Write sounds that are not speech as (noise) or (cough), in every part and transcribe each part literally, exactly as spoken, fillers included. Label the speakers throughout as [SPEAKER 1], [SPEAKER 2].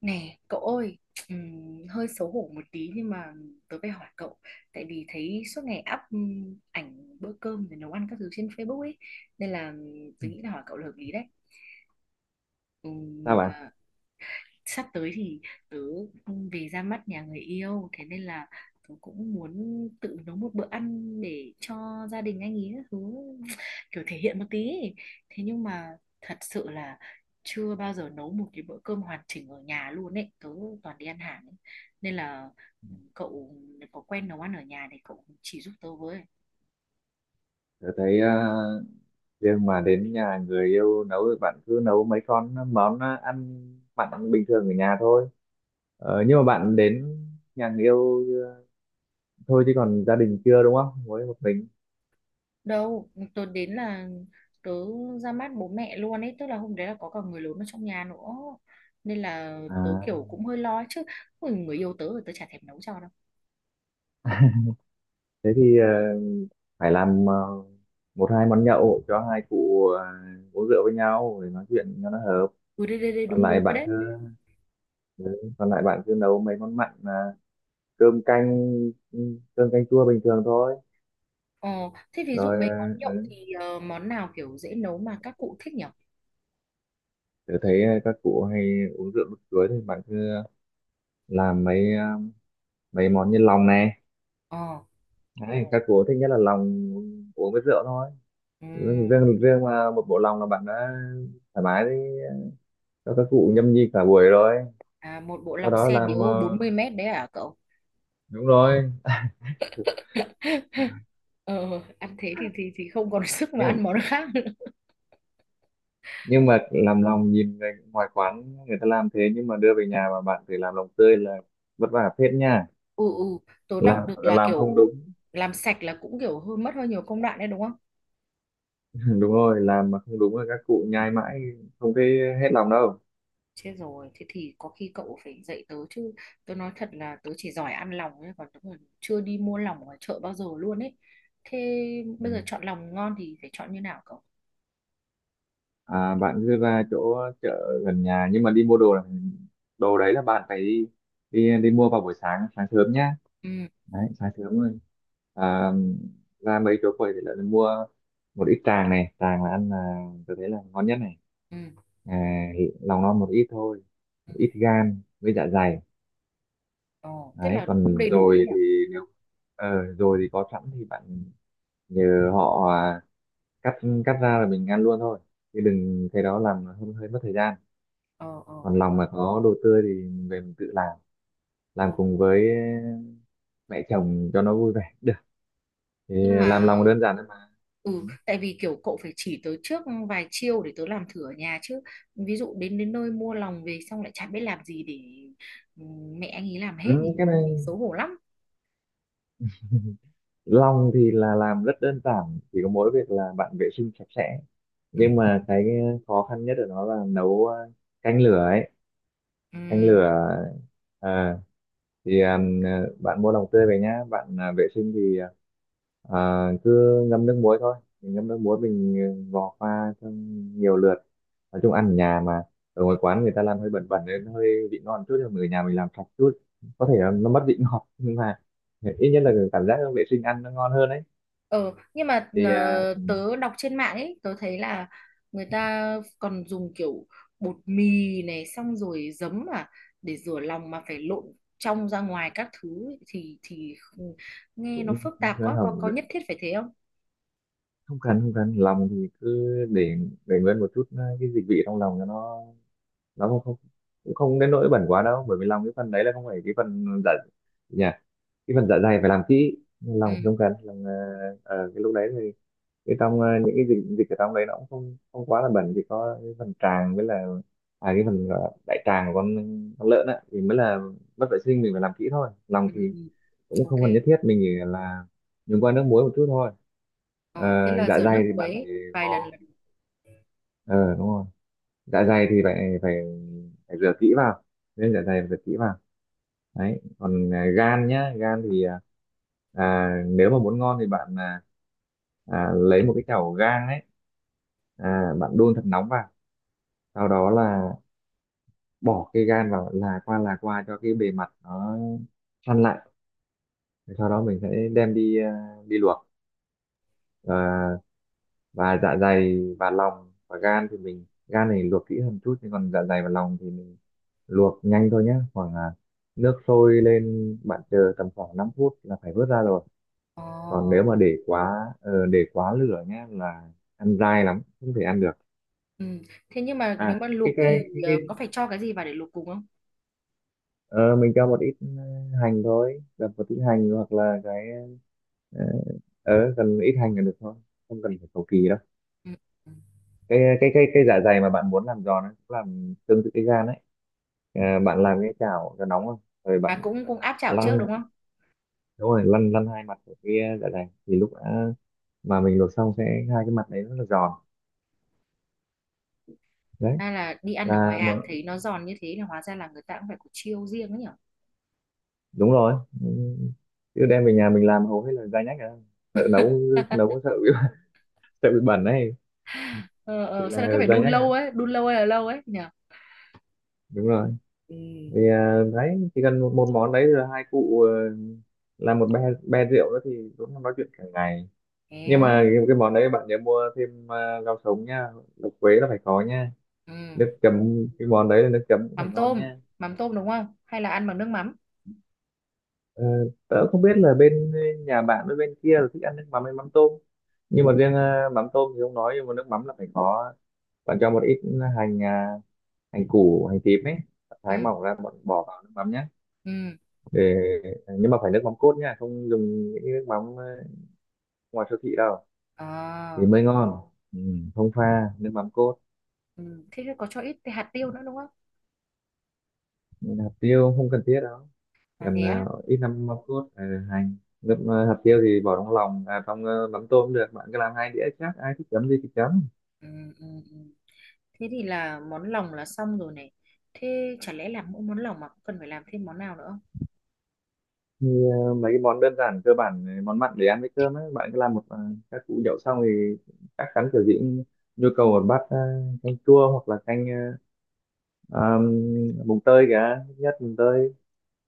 [SPEAKER 1] Nè, cậu ơi, ừm, hơi xấu hổ một tí nhưng mà tớ phải hỏi cậu, tại vì thấy suốt ngày up ừm, ảnh bữa cơm rồi nấu ăn các thứ trên Facebook ấy, nên là ừm, tớ nghĩ là hỏi cậu là hợp lý đấy.
[SPEAKER 2] Sao
[SPEAKER 1] Ừm,
[SPEAKER 2] bạn?
[SPEAKER 1] à, Sắp tới thì tớ về ra mắt nhà người yêu, thế nên là tớ cũng muốn tự nấu một bữa ăn để cho gia đình anh ý các thứ, kiểu thể hiện một tí ấy. Thế nhưng mà thật sự là chưa bao giờ nấu một cái bữa cơm hoàn chỉnh ở nhà luôn ấy, tớ toàn đi ăn hàng ấy. Nên là ừ, cậu có quen nấu ăn ở nhà thì cậu chỉ giúp tớ với.
[SPEAKER 2] Tôi thấy ờ, riêng mà đến nhà người yêu nấu thì bạn cứ nấu mấy con món ờ, ăn mặn bình thường ở nhà thôi. Ờ, nhưng mà bạn đến nhà người yêu ờ, thôi, chứ còn gia đình chưa, đúng không? Mới một mình.
[SPEAKER 1] Đâu, tớ đến là tớ ra mắt bố mẹ luôn ấy, tức là hôm đấy là có cả người lớn ở trong nhà nữa, nên là tớ
[SPEAKER 2] À,
[SPEAKER 1] kiểu cũng hơi lo ấy chứ. Ôi, người yêu tớ rồi tớ chả thèm nấu cho đâu.
[SPEAKER 2] thế thì ờ, phải làm ờ, một hai món nhậu cho hai cụ ờ, uống rượu với nhau để nói chuyện cho nó hợp.
[SPEAKER 1] Ừ, đây đây đây,
[SPEAKER 2] Còn
[SPEAKER 1] đúng đúng
[SPEAKER 2] lại
[SPEAKER 1] rồi
[SPEAKER 2] bạn
[SPEAKER 1] đấy.
[SPEAKER 2] cứ ừ, Còn lại bạn cứ nấu mấy món mặn là cơm canh ừ, cơm canh chua bình thường thôi.
[SPEAKER 1] Ờ, thế ví dụ
[SPEAKER 2] Rồi,
[SPEAKER 1] mấy món
[SPEAKER 2] ờ,
[SPEAKER 1] nhậu thì ờ, món nào kiểu dễ nấu mà các cụ thích nhỉ?
[SPEAKER 2] tớ thấy ờ, các cụ hay uống rượu lúc cưới thì bạn cứ làm mấy ờ, mấy món như lòng này.
[SPEAKER 1] ờ
[SPEAKER 2] Đấy, các cụ thích nhất là lòng, uống với rượu thôi. riêng
[SPEAKER 1] ừm,
[SPEAKER 2] riêng riêng mà một bộ lòng là bạn đã thoải mái đi, cho các cụ nhâm nhi cả buổi rồi.
[SPEAKER 1] à, Một bộ
[SPEAKER 2] Sau
[SPEAKER 1] lòng
[SPEAKER 2] đó
[SPEAKER 1] xe
[SPEAKER 2] làm
[SPEAKER 1] điếu bốn
[SPEAKER 2] ờ,
[SPEAKER 1] mươi mét đấy à cậu?
[SPEAKER 2] đúng rồi.
[SPEAKER 1] (laughs) ờ Ăn thế thì thì thì không còn (laughs) sức mà
[SPEAKER 2] nhưng
[SPEAKER 1] ăn món khác nữa.
[SPEAKER 2] nhưng mà làm lòng, nhìn người ngoài quán người ta làm thế, nhưng mà đưa về nhà mà bạn phải làm lòng tươi là vất vả phết nha.
[SPEAKER 1] Ừ, ừ, tớ
[SPEAKER 2] làm
[SPEAKER 1] đọc được là
[SPEAKER 2] làm
[SPEAKER 1] kiểu
[SPEAKER 2] không đúng.
[SPEAKER 1] làm sạch là cũng kiểu hơi mất hơi nhiều công đoạn đấy đúng không?
[SPEAKER 2] (laughs) Đúng rồi, làm mà không đúng là các cụ nhai mãi không thấy hết lòng đâu.
[SPEAKER 1] Chết rồi, thế thì có khi cậu phải dạy tớ chứ. Tớ nói thật là tớ chỉ giỏi ăn lòng thôi, còn tớ còn chưa đi mua lòng ở chợ bao giờ luôn ấy. Thế bây giờ chọn lòng ngon thì phải chọn như nào cậu?
[SPEAKER 2] À, bạn cứ ra chỗ chợ gần nhà, nhưng mà đi mua đồ là, đồ đấy là bạn phải đi, đi, đi mua vào buổi sáng sáng sớm nhá.
[SPEAKER 1] Ừ,
[SPEAKER 2] Đấy, sáng sớm rồi, à, ra mấy chỗ quầy thì lại mua một ít tràng này. Tràng là ăn, là tôi thấy là ngon nhất này.
[SPEAKER 1] ừ,
[SPEAKER 2] À, lòng non một ít thôi,
[SPEAKER 1] ừ.
[SPEAKER 2] một ít gan với dạ dày.
[SPEAKER 1] Ồ, thế
[SPEAKER 2] Đấy,
[SPEAKER 1] là cũng
[SPEAKER 2] còn
[SPEAKER 1] đầy đủ đấy
[SPEAKER 2] dồi
[SPEAKER 1] nhỉ?
[SPEAKER 2] thì, nếu ờ, dồi thì có sẵn thì bạn nhờ họ, à, cắt cắt ra là mình ăn luôn thôi, chứ đừng, cái đó làm hơi, hơi mất thời gian.
[SPEAKER 1] Ờ, ờ.
[SPEAKER 2] Còn lòng mà có đồ tươi thì mình về mình tự làm
[SPEAKER 1] Ừ.
[SPEAKER 2] làm cùng với mẹ chồng cho nó vui vẻ được thì,
[SPEAKER 1] Nhưng
[SPEAKER 2] làm
[SPEAKER 1] mà
[SPEAKER 2] lòng đơn giản thôi mà.
[SPEAKER 1] ừ, tại vì kiểu cậu phải chỉ tớ trước vài chiêu để tớ làm thử ở nhà chứ. Ví dụ đến đến nơi mua lòng về xong lại chả biết làm gì, để ừ, mẹ anh ấy làm hết
[SPEAKER 2] Ừ,
[SPEAKER 1] thì,
[SPEAKER 2] cái này,
[SPEAKER 1] thì xấu hổ lắm.
[SPEAKER 2] lòng thì là làm rất đơn giản, chỉ có mỗi việc là bạn vệ sinh sạch sẽ.
[SPEAKER 1] Ừ.
[SPEAKER 2] Nhưng mà cái khó khăn nhất ở nó là nấu, ờ, canh lửa ấy.
[SPEAKER 1] Ừ.
[SPEAKER 2] Canh lửa, ờ, thì à, bạn mua lòng tươi về nhá, bạn à, vệ sinh thì à, cứ ngâm nước muối thôi. Mình ngâm nước muối mình ừ, vò qua trong nhiều lượt. Nói chung ăn ở nhà mà, ở ngoài quán người ta làm hơi bẩn bẩn nên nó hơi vị ngon chút, nhưng mà ở nhà mình làm sạch chút có thể là nó mất vị (laughs) ngọt, nhưng mà ít nhất là cảm giác vệ sinh ăn nó ngon hơn đấy.
[SPEAKER 1] Ừ, nhưng mà
[SPEAKER 2] Thì à,
[SPEAKER 1] ờ, tớ đọc trên mạng ấy, tớ thấy là người ta còn dùng kiểu bột mì này, xong rồi giấm à, để rửa lòng mà phải lộn trong ra ngoài các thứ ấy, thì thì không- nghe nó
[SPEAKER 2] cũng
[SPEAKER 1] phức
[SPEAKER 2] cũng
[SPEAKER 1] tạp quá, có
[SPEAKER 2] không
[SPEAKER 1] có nhất thiết phải thế không?
[SPEAKER 2] không cần không cần Lòng thì cứ để để nguyên một chút, ờ, cái dịch vị trong lòng cho nó nó không, không cũng không đến nỗi bẩn quá đâu, bởi vì lòng, cái phần đấy là không phải cái phần dạ nhỉ. Cái phần dạ dày phải làm kỹ,
[SPEAKER 1] Ừ,
[SPEAKER 2] lòng không cần. Lòng ờ, ờ, cái lúc đấy thì cái trong ờ, những cái dịch dịch ở trong đấy nó cũng không không quá là bẩn. Chỉ có cái phần tràng với là, à, cái phần gọi là đại tràng của con con lợn á thì mới là mất vệ sinh, mình phải làm kỹ thôi. Lòng
[SPEAKER 1] ừ,
[SPEAKER 2] thì
[SPEAKER 1] ừ,
[SPEAKER 2] cũng
[SPEAKER 1] ok.
[SPEAKER 2] không cần nhất thiết, mình chỉ là dùng qua nước muối một chút thôi. Ờ,
[SPEAKER 1] Ờ, thế là
[SPEAKER 2] dạ
[SPEAKER 1] rửa nước
[SPEAKER 2] dày thì bạn phải
[SPEAKER 1] muối
[SPEAKER 2] vò.
[SPEAKER 1] vài lần là được.
[SPEAKER 2] ờ Đúng rồi, dạ dày thì phải phải phải rửa kỹ vào, nên dạ dày phải rửa kỹ vào. Đấy, còn à, gan nhá. Gan thì à, à, nếu mà muốn ngon thì bạn, à, à, lấy một cái chảo gang ấy, à, bạn đun thật nóng vào, sau đó là bỏ cái gan vào, là qua, là qua cho cái bề mặt nó săn lại. Sau đó mình sẽ đem đi, à, đi luộc. À, và dạ dày và lòng và gan thì mình, gan này luộc kỹ hơn chút, nhưng còn dạ dày và lòng thì mình luộc nhanh thôi nhé, khoảng là nước sôi lên bạn chờ tầm khoảng năm phút là phải vớt ra rồi.
[SPEAKER 1] Ồ.
[SPEAKER 2] Còn nếu mà để quá, ờ, để quá lửa nhé là ăn dai lắm không thể ăn được.
[SPEAKER 1] Ừ. Thế nhưng mà
[SPEAKER 2] À,
[SPEAKER 1] nếu mà
[SPEAKER 2] cái
[SPEAKER 1] luộc
[SPEAKER 2] cái
[SPEAKER 1] thì
[SPEAKER 2] cái, cái
[SPEAKER 1] ờ, có phải cho cái gì vào để luộc cùng không?
[SPEAKER 2] ờ, mình cho một ít, ờ, hành thôi, đập một ít hành, hoặc là cái ờ, ờ, cần ít hành là được thôi, không cần phải cầu kỳ đâu.
[SPEAKER 1] Ừ. Ừ.
[SPEAKER 2] Cái cái cái cái dạ dày mà bạn muốn làm giòn ấy cũng làm tương tự cái gan ấy. À, bạn làm cái chảo cho nóng không rồi
[SPEAKER 1] À,
[SPEAKER 2] bạn
[SPEAKER 1] cũng cũng áp chảo trước đúng
[SPEAKER 2] lăn.
[SPEAKER 1] không?
[SPEAKER 2] Đúng rồi, lăn lăn hai mặt của cái, ờ, dạ dày thì lúc đã, mà mình luộc xong sẽ, hai cái mặt đấy rất là giòn. Đấy
[SPEAKER 1] Hay là đi ăn ở ngoài
[SPEAKER 2] là một,
[SPEAKER 1] hàng thấy nó giòn như thế, là hóa ra là người ta cũng phải có chiêu riêng ấy nhở.
[SPEAKER 2] đúng rồi. Ừ, chứ đem về nhà mình làm hầu hết là dai nhách à. Sợ nấu, nấu
[SPEAKER 1] (laughs)
[SPEAKER 2] có sợ bị, (laughs) sợ bị bẩn đấy,
[SPEAKER 1] ờ,
[SPEAKER 2] thì
[SPEAKER 1] ờ, Sao là cứ
[SPEAKER 2] là
[SPEAKER 1] phải
[SPEAKER 2] dai
[SPEAKER 1] đun
[SPEAKER 2] nhách à,
[SPEAKER 1] lâu ấy, đun lâu hay là lâu ấy nhở?
[SPEAKER 2] đúng rồi.
[SPEAKER 1] Ừ.
[SPEAKER 2] Thì à, đấy chỉ cần một, một món đấy, rồi hai cụ ờ, làm một be be rượu đó thì cũng nói chuyện cả ngày.
[SPEAKER 1] Thế
[SPEAKER 2] Nhưng
[SPEAKER 1] á.
[SPEAKER 2] mà cái, cái món đấy bạn nhớ mua thêm, à, rau sống nha, lục quế là phải có nha.
[SPEAKER 1] Ừ.
[SPEAKER 2] Nước chấm cái món đấy là, nước chấm cũng phải
[SPEAKER 1] Mắm
[SPEAKER 2] ngon
[SPEAKER 1] tôm,
[SPEAKER 2] nha.
[SPEAKER 1] mắm tôm đúng không? Hay là ăn bằng nước mắm?
[SPEAKER 2] ờ, Tớ không biết là bên nhà bạn với bên kia là thích ăn nước mắm hay mắm tôm, nhưng mà riêng ờ, mắm tôm thì không nói, nhưng mà nước mắm là phải có. Bạn cho một ít hành, à, hành củ, hành tím ấy
[SPEAKER 1] Ừ.
[SPEAKER 2] thái mỏng ra, bạn bỏ vào nước mắm nhé.
[SPEAKER 1] Ừ.
[SPEAKER 2] Để, nhưng mà phải nước mắm cốt nha, không dùng những cái nước mắm ờ, ngoài siêu thị đâu, thì
[SPEAKER 1] Ờ.
[SPEAKER 2] mới ngon. ừ, Không, pha nước mắm cốt.
[SPEAKER 1] Ừ. Thế thì có cho ít cái hạt tiêu nữa đúng không?
[SPEAKER 2] Hạt tiêu không cần thiết đâu.
[SPEAKER 1] À
[SPEAKER 2] Gần,
[SPEAKER 1] thế á.
[SPEAKER 2] ờ, ít năm mâm cốt, ờ, hành, nước, ờ, hạt tiêu thì bỏ trong lòng, à, trong ờ, mắm tôm cũng được. Bạn cứ làm hai đĩa, chắc ai thích chấm gì thì chấm.
[SPEAKER 1] Ừ. Ừ. Ừ. Thế thì là món lòng là xong rồi này. Thế chả lẽ làm mỗi món lòng mà cũng cần phải làm thêm món nào nữa không?
[SPEAKER 2] Thì ờ, mấy cái món đơn giản cơ bản, ờ, món mặn để ăn với cơm ấy, bạn cứ làm một, ờ, các củ nhậu xong thì chắc chắn kiểu gì cũng nhu cầu một bát, ờ, canh chua hoặc là canh ờ, um, mùng tơi cả. Ít nhất mùng tơi,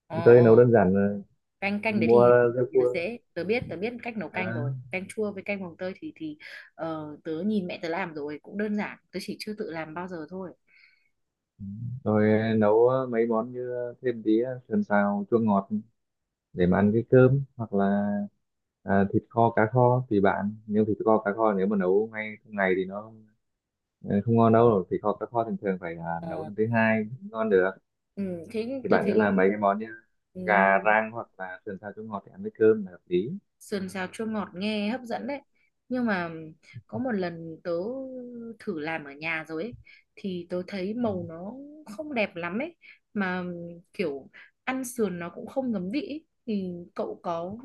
[SPEAKER 1] Ờ
[SPEAKER 2] mùng tơi nấu
[SPEAKER 1] ờ.
[SPEAKER 2] đơn giản, ờ,
[SPEAKER 1] Canh canh đấy
[SPEAKER 2] mua
[SPEAKER 1] thì, thì
[SPEAKER 2] rau cua.
[SPEAKER 1] dễ, tớ biết tớ biết cách nấu
[SPEAKER 2] Ờ,
[SPEAKER 1] canh rồi, canh chua với canh mồng tơi thì thì ờ, tớ nhìn mẹ tớ làm rồi cũng đơn giản, tớ chỉ chưa tự làm bao giờ thôi.
[SPEAKER 2] rồi ờ, nấu ờ, mấy món như ờ, thêm tí, ờ, sườn xào chua ngọt để mà ăn cái cơm, hoặc là à, thịt kho cá kho tùy bạn. Nhưng thịt kho cá kho nếu mà nấu ngay trong ngày thì nó, ờ, không ngon đâu. Thịt kho cá kho thường thường phải là nấu
[SPEAKER 1] Ờ,
[SPEAKER 2] lần thứ hai mới ngon được.
[SPEAKER 1] ừ, thế
[SPEAKER 2] Thì
[SPEAKER 1] tớ
[SPEAKER 2] bạn cứ làm
[SPEAKER 1] thấy
[SPEAKER 2] mấy cái món như
[SPEAKER 1] ừ,
[SPEAKER 2] gà rang hoặc là sườn xào chua ngọt để ăn với cơm là hợp lý.
[SPEAKER 1] sườn xào chua ngọt nghe hấp dẫn đấy. Nhưng mà có một lần tớ thử làm ở nhà rồi ấy, thì tớ thấy
[SPEAKER 2] Ừ.
[SPEAKER 1] màu nó không đẹp lắm ấy, mà kiểu ăn sườn nó cũng không ngấm vị ấy. Thì cậu có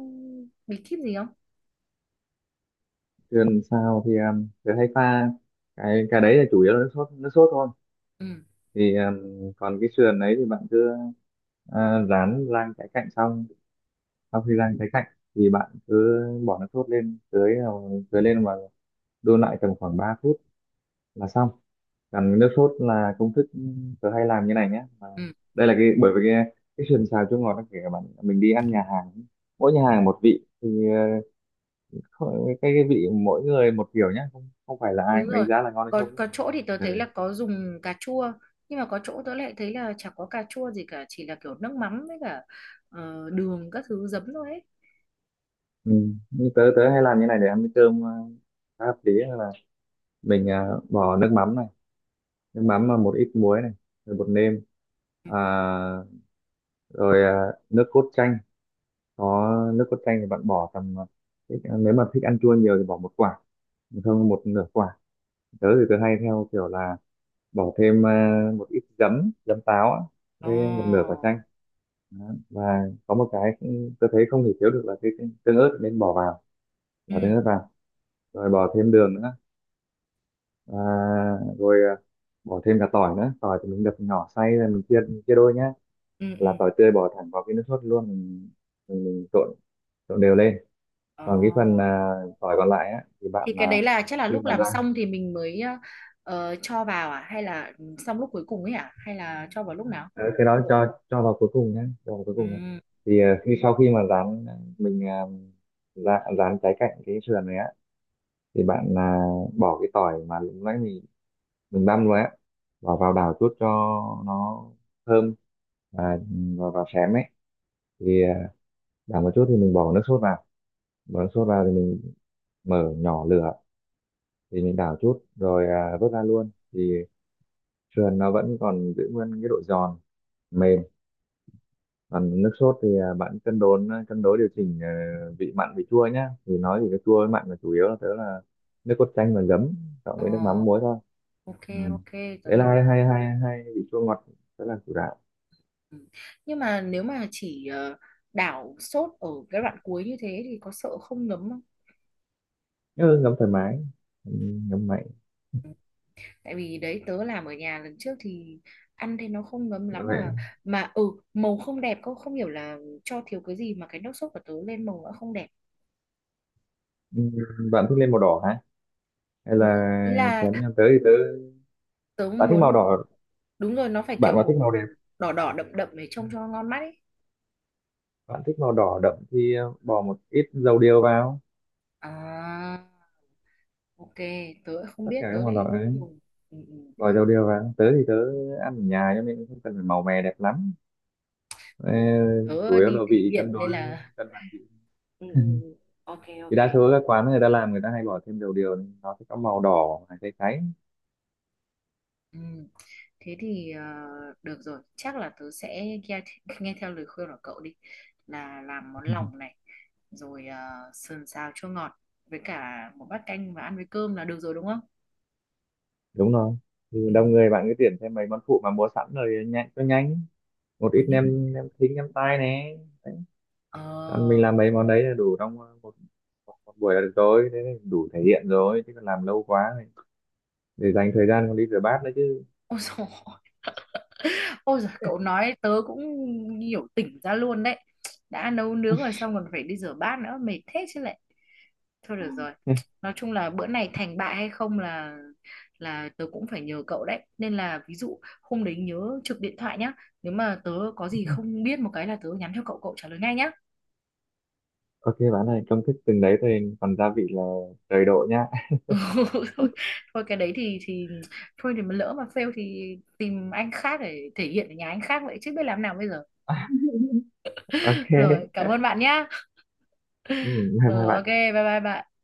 [SPEAKER 1] bí kíp gì không?
[SPEAKER 2] Sườn xào thì um, thường hay pha, cái cái đấy là chủ yếu là nước sốt, nước sốt thôi.
[SPEAKER 1] Ừ.
[SPEAKER 2] Thì um, còn cái sườn đấy thì bạn cứ, à, rán rang trái cạnh xong. Sau khi rang trái cạnh thì bạn cứ bỏ nước sốt lên, tưới vào- tưới lên và đun lại tầm khoảng ba phút là xong. Còn nước sốt là công thức tớ hay làm như này nhé, mà
[SPEAKER 1] Ừ,
[SPEAKER 2] đây là cái, bởi vì cái cái sườn xào chua ngọt nó, kể cả bạn mình đi ăn nhà hàng, mỗi nhà hàng một vị thì, ờ, không- cái, cái vị mỗi người một kiểu nhé, không không phải là ai
[SPEAKER 1] đúng
[SPEAKER 2] cũng đánh
[SPEAKER 1] rồi,
[SPEAKER 2] giá là ngon hay
[SPEAKER 1] có
[SPEAKER 2] không đấy.
[SPEAKER 1] có chỗ thì tớ thấy
[SPEAKER 2] Ừ.
[SPEAKER 1] là có dùng cà chua, nhưng mà có chỗ tớ lại thấy là chả có cà chua gì cả, chỉ là kiểu nước mắm với cả ờ, đường các thứ, giấm thôi ấy.
[SPEAKER 2] Ừ. Như tớ tớ hay làm như này để ăn với cơm, ờ, khá hợp lý là mình, ờ, bỏ nước mắm này, nước mắm và một ít muối này, rồi bột nêm,
[SPEAKER 1] Ừ.
[SPEAKER 2] à, rồi à, nước cốt chanh. Có, nước cốt chanh thì bạn bỏ tầm, à, thích- à, nếu mà thích ăn chua nhiều thì bỏ một quả, không, một nửa quả. Tớ thì tớ hay theo kiểu là bỏ thêm, à, một ít giấm, giấm táo á,
[SPEAKER 1] Ồ.
[SPEAKER 2] với một nửa quả chanh. Đó. Và có một cái cũng, tớ thấy không thể thiếu được là cái cái tương ớt, nên bỏ vào,
[SPEAKER 1] Ừ,
[SPEAKER 2] bỏ tương ớt vào, rồi bỏ thêm đường nữa. Và rồi, à, bỏ thêm cả tỏi nữa. Tỏi thì mình đập nhỏ xay rồi mình chia, chia đôi nhá.
[SPEAKER 1] ừ,
[SPEAKER 2] Là
[SPEAKER 1] ừ.
[SPEAKER 2] tỏi tươi bỏ thẳng vào cái nước sốt luôn. Mình, mình, mình trộn trộn đều lên.
[SPEAKER 1] Ồ.
[SPEAKER 2] Còn cái phần, à, tỏi còn lại á thì bạn
[SPEAKER 1] Thì cái đấy
[SPEAKER 2] là
[SPEAKER 1] là chắc là
[SPEAKER 2] khi
[SPEAKER 1] lúc
[SPEAKER 2] mà
[SPEAKER 1] làm
[SPEAKER 2] rang,
[SPEAKER 1] xong thì mình mới ờ, ờ, cho vào à, hay là xong lúc cuối cùng ấy à, hay là cho vào lúc nào?
[SPEAKER 2] ờ, cái đó cho cho vào cuối cùng nhé, cho vào cuối cùng nhé.
[SPEAKER 1] Ừ.
[SPEAKER 2] Thì à, khi, sau khi mà rán mình, à, rán, rán trái cạnh cái sườn này á thì bạn, à, bỏ cái tỏi mà lúc nãy mình mình băm rồi á, bỏ vào đảo chút cho nó thơm, và, và, và xém ấy. Thì à, đảo một chút thì mình bỏ nước sốt vào, bỏ nước sốt vào thì mình mở nhỏ lửa, thì mình đảo chút rồi, à, vớt ra luôn, thì sườn nó vẫn còn giữ nguyên cái độ giòn mềm. Còn nước sốt thì à, bạn cân đối, à, cân đối điều chỉnh, ờ, vị mặn vị chua nhá, thì nói thì cái chua với mặn là chủ yếu, là tớ là nước cốt chanh và giấm, cộng
[SPEAKER 1] Ồ.
[SPEAKER 2] với nước mắm muối thôi.
[SPEAKER 1] Ok,
[SPEAKER 2] Ừ.
[SPEAKER 1] ok, tớ
[SPEAKER 2] Đấy là
[SPEAKER 1] hiểu.
[SPEAKER 2] hai hai hai hai vị chua ngọt, đó là chủ đạo.
[SPEAKER 1] Ừ. Nhưng mà nếu mà chỉ ờ, đảo sốt ở cái đoạn cuối như thế thì có sợ không ngấm không?
[SPEAKER 2] Ừ, ngấm thoải mái. Ừ, ngấm mạnh.
[SPEAKER 1] Tại vì đấy tớ làm ở nhà lần trước thì ăn thì nó không ngấm
[SPEAKER 2] Bạn
[SPEAKER 1] lắm, mà
[SPEAKER 2] vậy.
[SPEAKER 1] mà ừ màu không đẹp, cô không hiểu là cho thiếu cái gì mà cái nước sốt của tớ lên màu nó không đẹp.
[SPEAKER 2] Ừ, bạn thích lên màu đỏ hả, hay
[SPEAKER 1] Ừ,
[SPEAKER 2] là
[SPEAKER 1] ý là
[SPEAKER 2] xém nhau tới thì tớ,
[SPEAKER 1] tớ
[SPEAKER 2] bạn thích màu
[SPEAKER 1] muốn,
[SPEAKER 2] đỏ,
[SPEAKER 1] đúng rồi, nó phải kiểu
[SPEAKER 2] bạn mà
[SPEAKER 1] màu
[SPEAKER 2] thích màu đẹp,
[SPEAKER 1] đỏ đỏ đậm đậm để trông cho ngon mắt ấy.
[SPEAKER 2] bạn thích màu đỏ đậm thì, ờ, bỏ một ít dầu điều vào.
[SPEAKER 1] À, ok, tớ lại không
[SPEAKER 2] Tất
[SPEAKER 1] biết,
[SPEAKER 2] cả các
[SPEAKER 1] tớ
[SPEAKER 2] màu đỏ
[SPEAKER 1] lại không
[SPEAKER 2] ấy
[SPEAKER 1] dùng. Ừ, ừ.
[SPEAKER 2] rồi đâu đều vào. Tớ thì tớ ăn ở nhà cho nên không cần phải màu mè đẹp lắm. Ờ,
[SPEAKER 1] Khổ.
[SPEAKER 2] chủ
[SPEAKER 1] Tớ
[SPEAKER 2] yếu là
[SPEAKER 1] đi thể
[SPEAKER 2] vị
[SPEAKER 1] hiện
[SPEAKER 2] cân
[SPEAKER 1] nên
[SPEAKER 2] đối,
[SPEAKER 1] là
[SPEAKER 2] cân bằng vị.
[SPEAKER 1] ừ, ừ,
[SPEAKER 2] (laughs)
[SPEAKER 1] ừ. Ok,
[SPEAKER 2] Thì
[SPEAKER 1] ok.
[SPEAKER 2] đa số các quán người ta làm, người ta hay bỏ thêm đầu điều nên nó sẽ có màu đỏ hay cháy cháy.
[SPEAKER 1] Ừ. Thế thì ờ, được rồi, chắc là tớ sẽ nghe, (laughs) nghe theo lời khuyên của cậu đi, là làm món
[SPEAKER 2] (laughs)
[SPEAKER 1] lòng này, rồi ờ, sườn xào chua ngọt với cả một bát canh và ăn với cơm là được rồi đúng không?
[SPEAKER 2] Đúng rồi. Thì
[SPEAKER 1] Ừ.
[SPEAKER 2] đông người bạn cứ tuyển thêm mấy món phụ mà mua sẵn rồi, nhanh cho nhanh, một
[SPEAKER 1] Ôi,
[SPEAKER 2] ít
[SPEAKER 1] nhưng
[SPEAKER 2] nem, nem thính, nem tai nè. Đấy.
[SPEAKER 1] Ờ,
[SPEAKER 2] Còn mình
[SPEAKER 1] (laughs)
[SPEAKER 2] làm mấy món đấy là đủ trong, ờ, một, một, một buổi là được rồi, thế là đủ thể hiện rồi, chứ còn làm lâu quá thì để dành thời gian còn đi rửa bát nữa chứ.
[SPEAKER 1] ôi dồi, ôi dồi, cậu nói tớ cũng hiểu, tỉnh ra luôn đấy. Đã nấu nướng rồi xong còn phải đi rửa bát nữa, mệt thế chứ lại. Thôi được rồi. Nói chung là bữa này thành bại hay không là là tớ cũng phải nhờ cậu đấy. Nên là ví dụ hôm đấy nhớ trực điện thoại nhá. Nếu mà tớ có gì không biết một cái là tớ nhắn cho cậu, cậu trả lời ngay nhá.
[SPEAKER 2] Ok bạn ơi, công thức từng đấy thôi, còn gia vị là trời độ nhá. (laughs)
[SPEAKER 1] (laughs) Thôi, thôi cái đấy thì thì thôi, thì mà lỡ mà fail thì tìm anh khác để thể hiện ở nhà anh khác vậy chứ biết làm nào bây giờ.
[SPEAKER 2] Ok,
[SPEAKER 1] Rồi, cảm ơn bạn nhá.
[SPEAKER 2] ừ, hai hai
[SPEAKER 1] Ờ ok,
[SPEAKER 2] bạn.
[SPEAKER 1] bye bye bạn.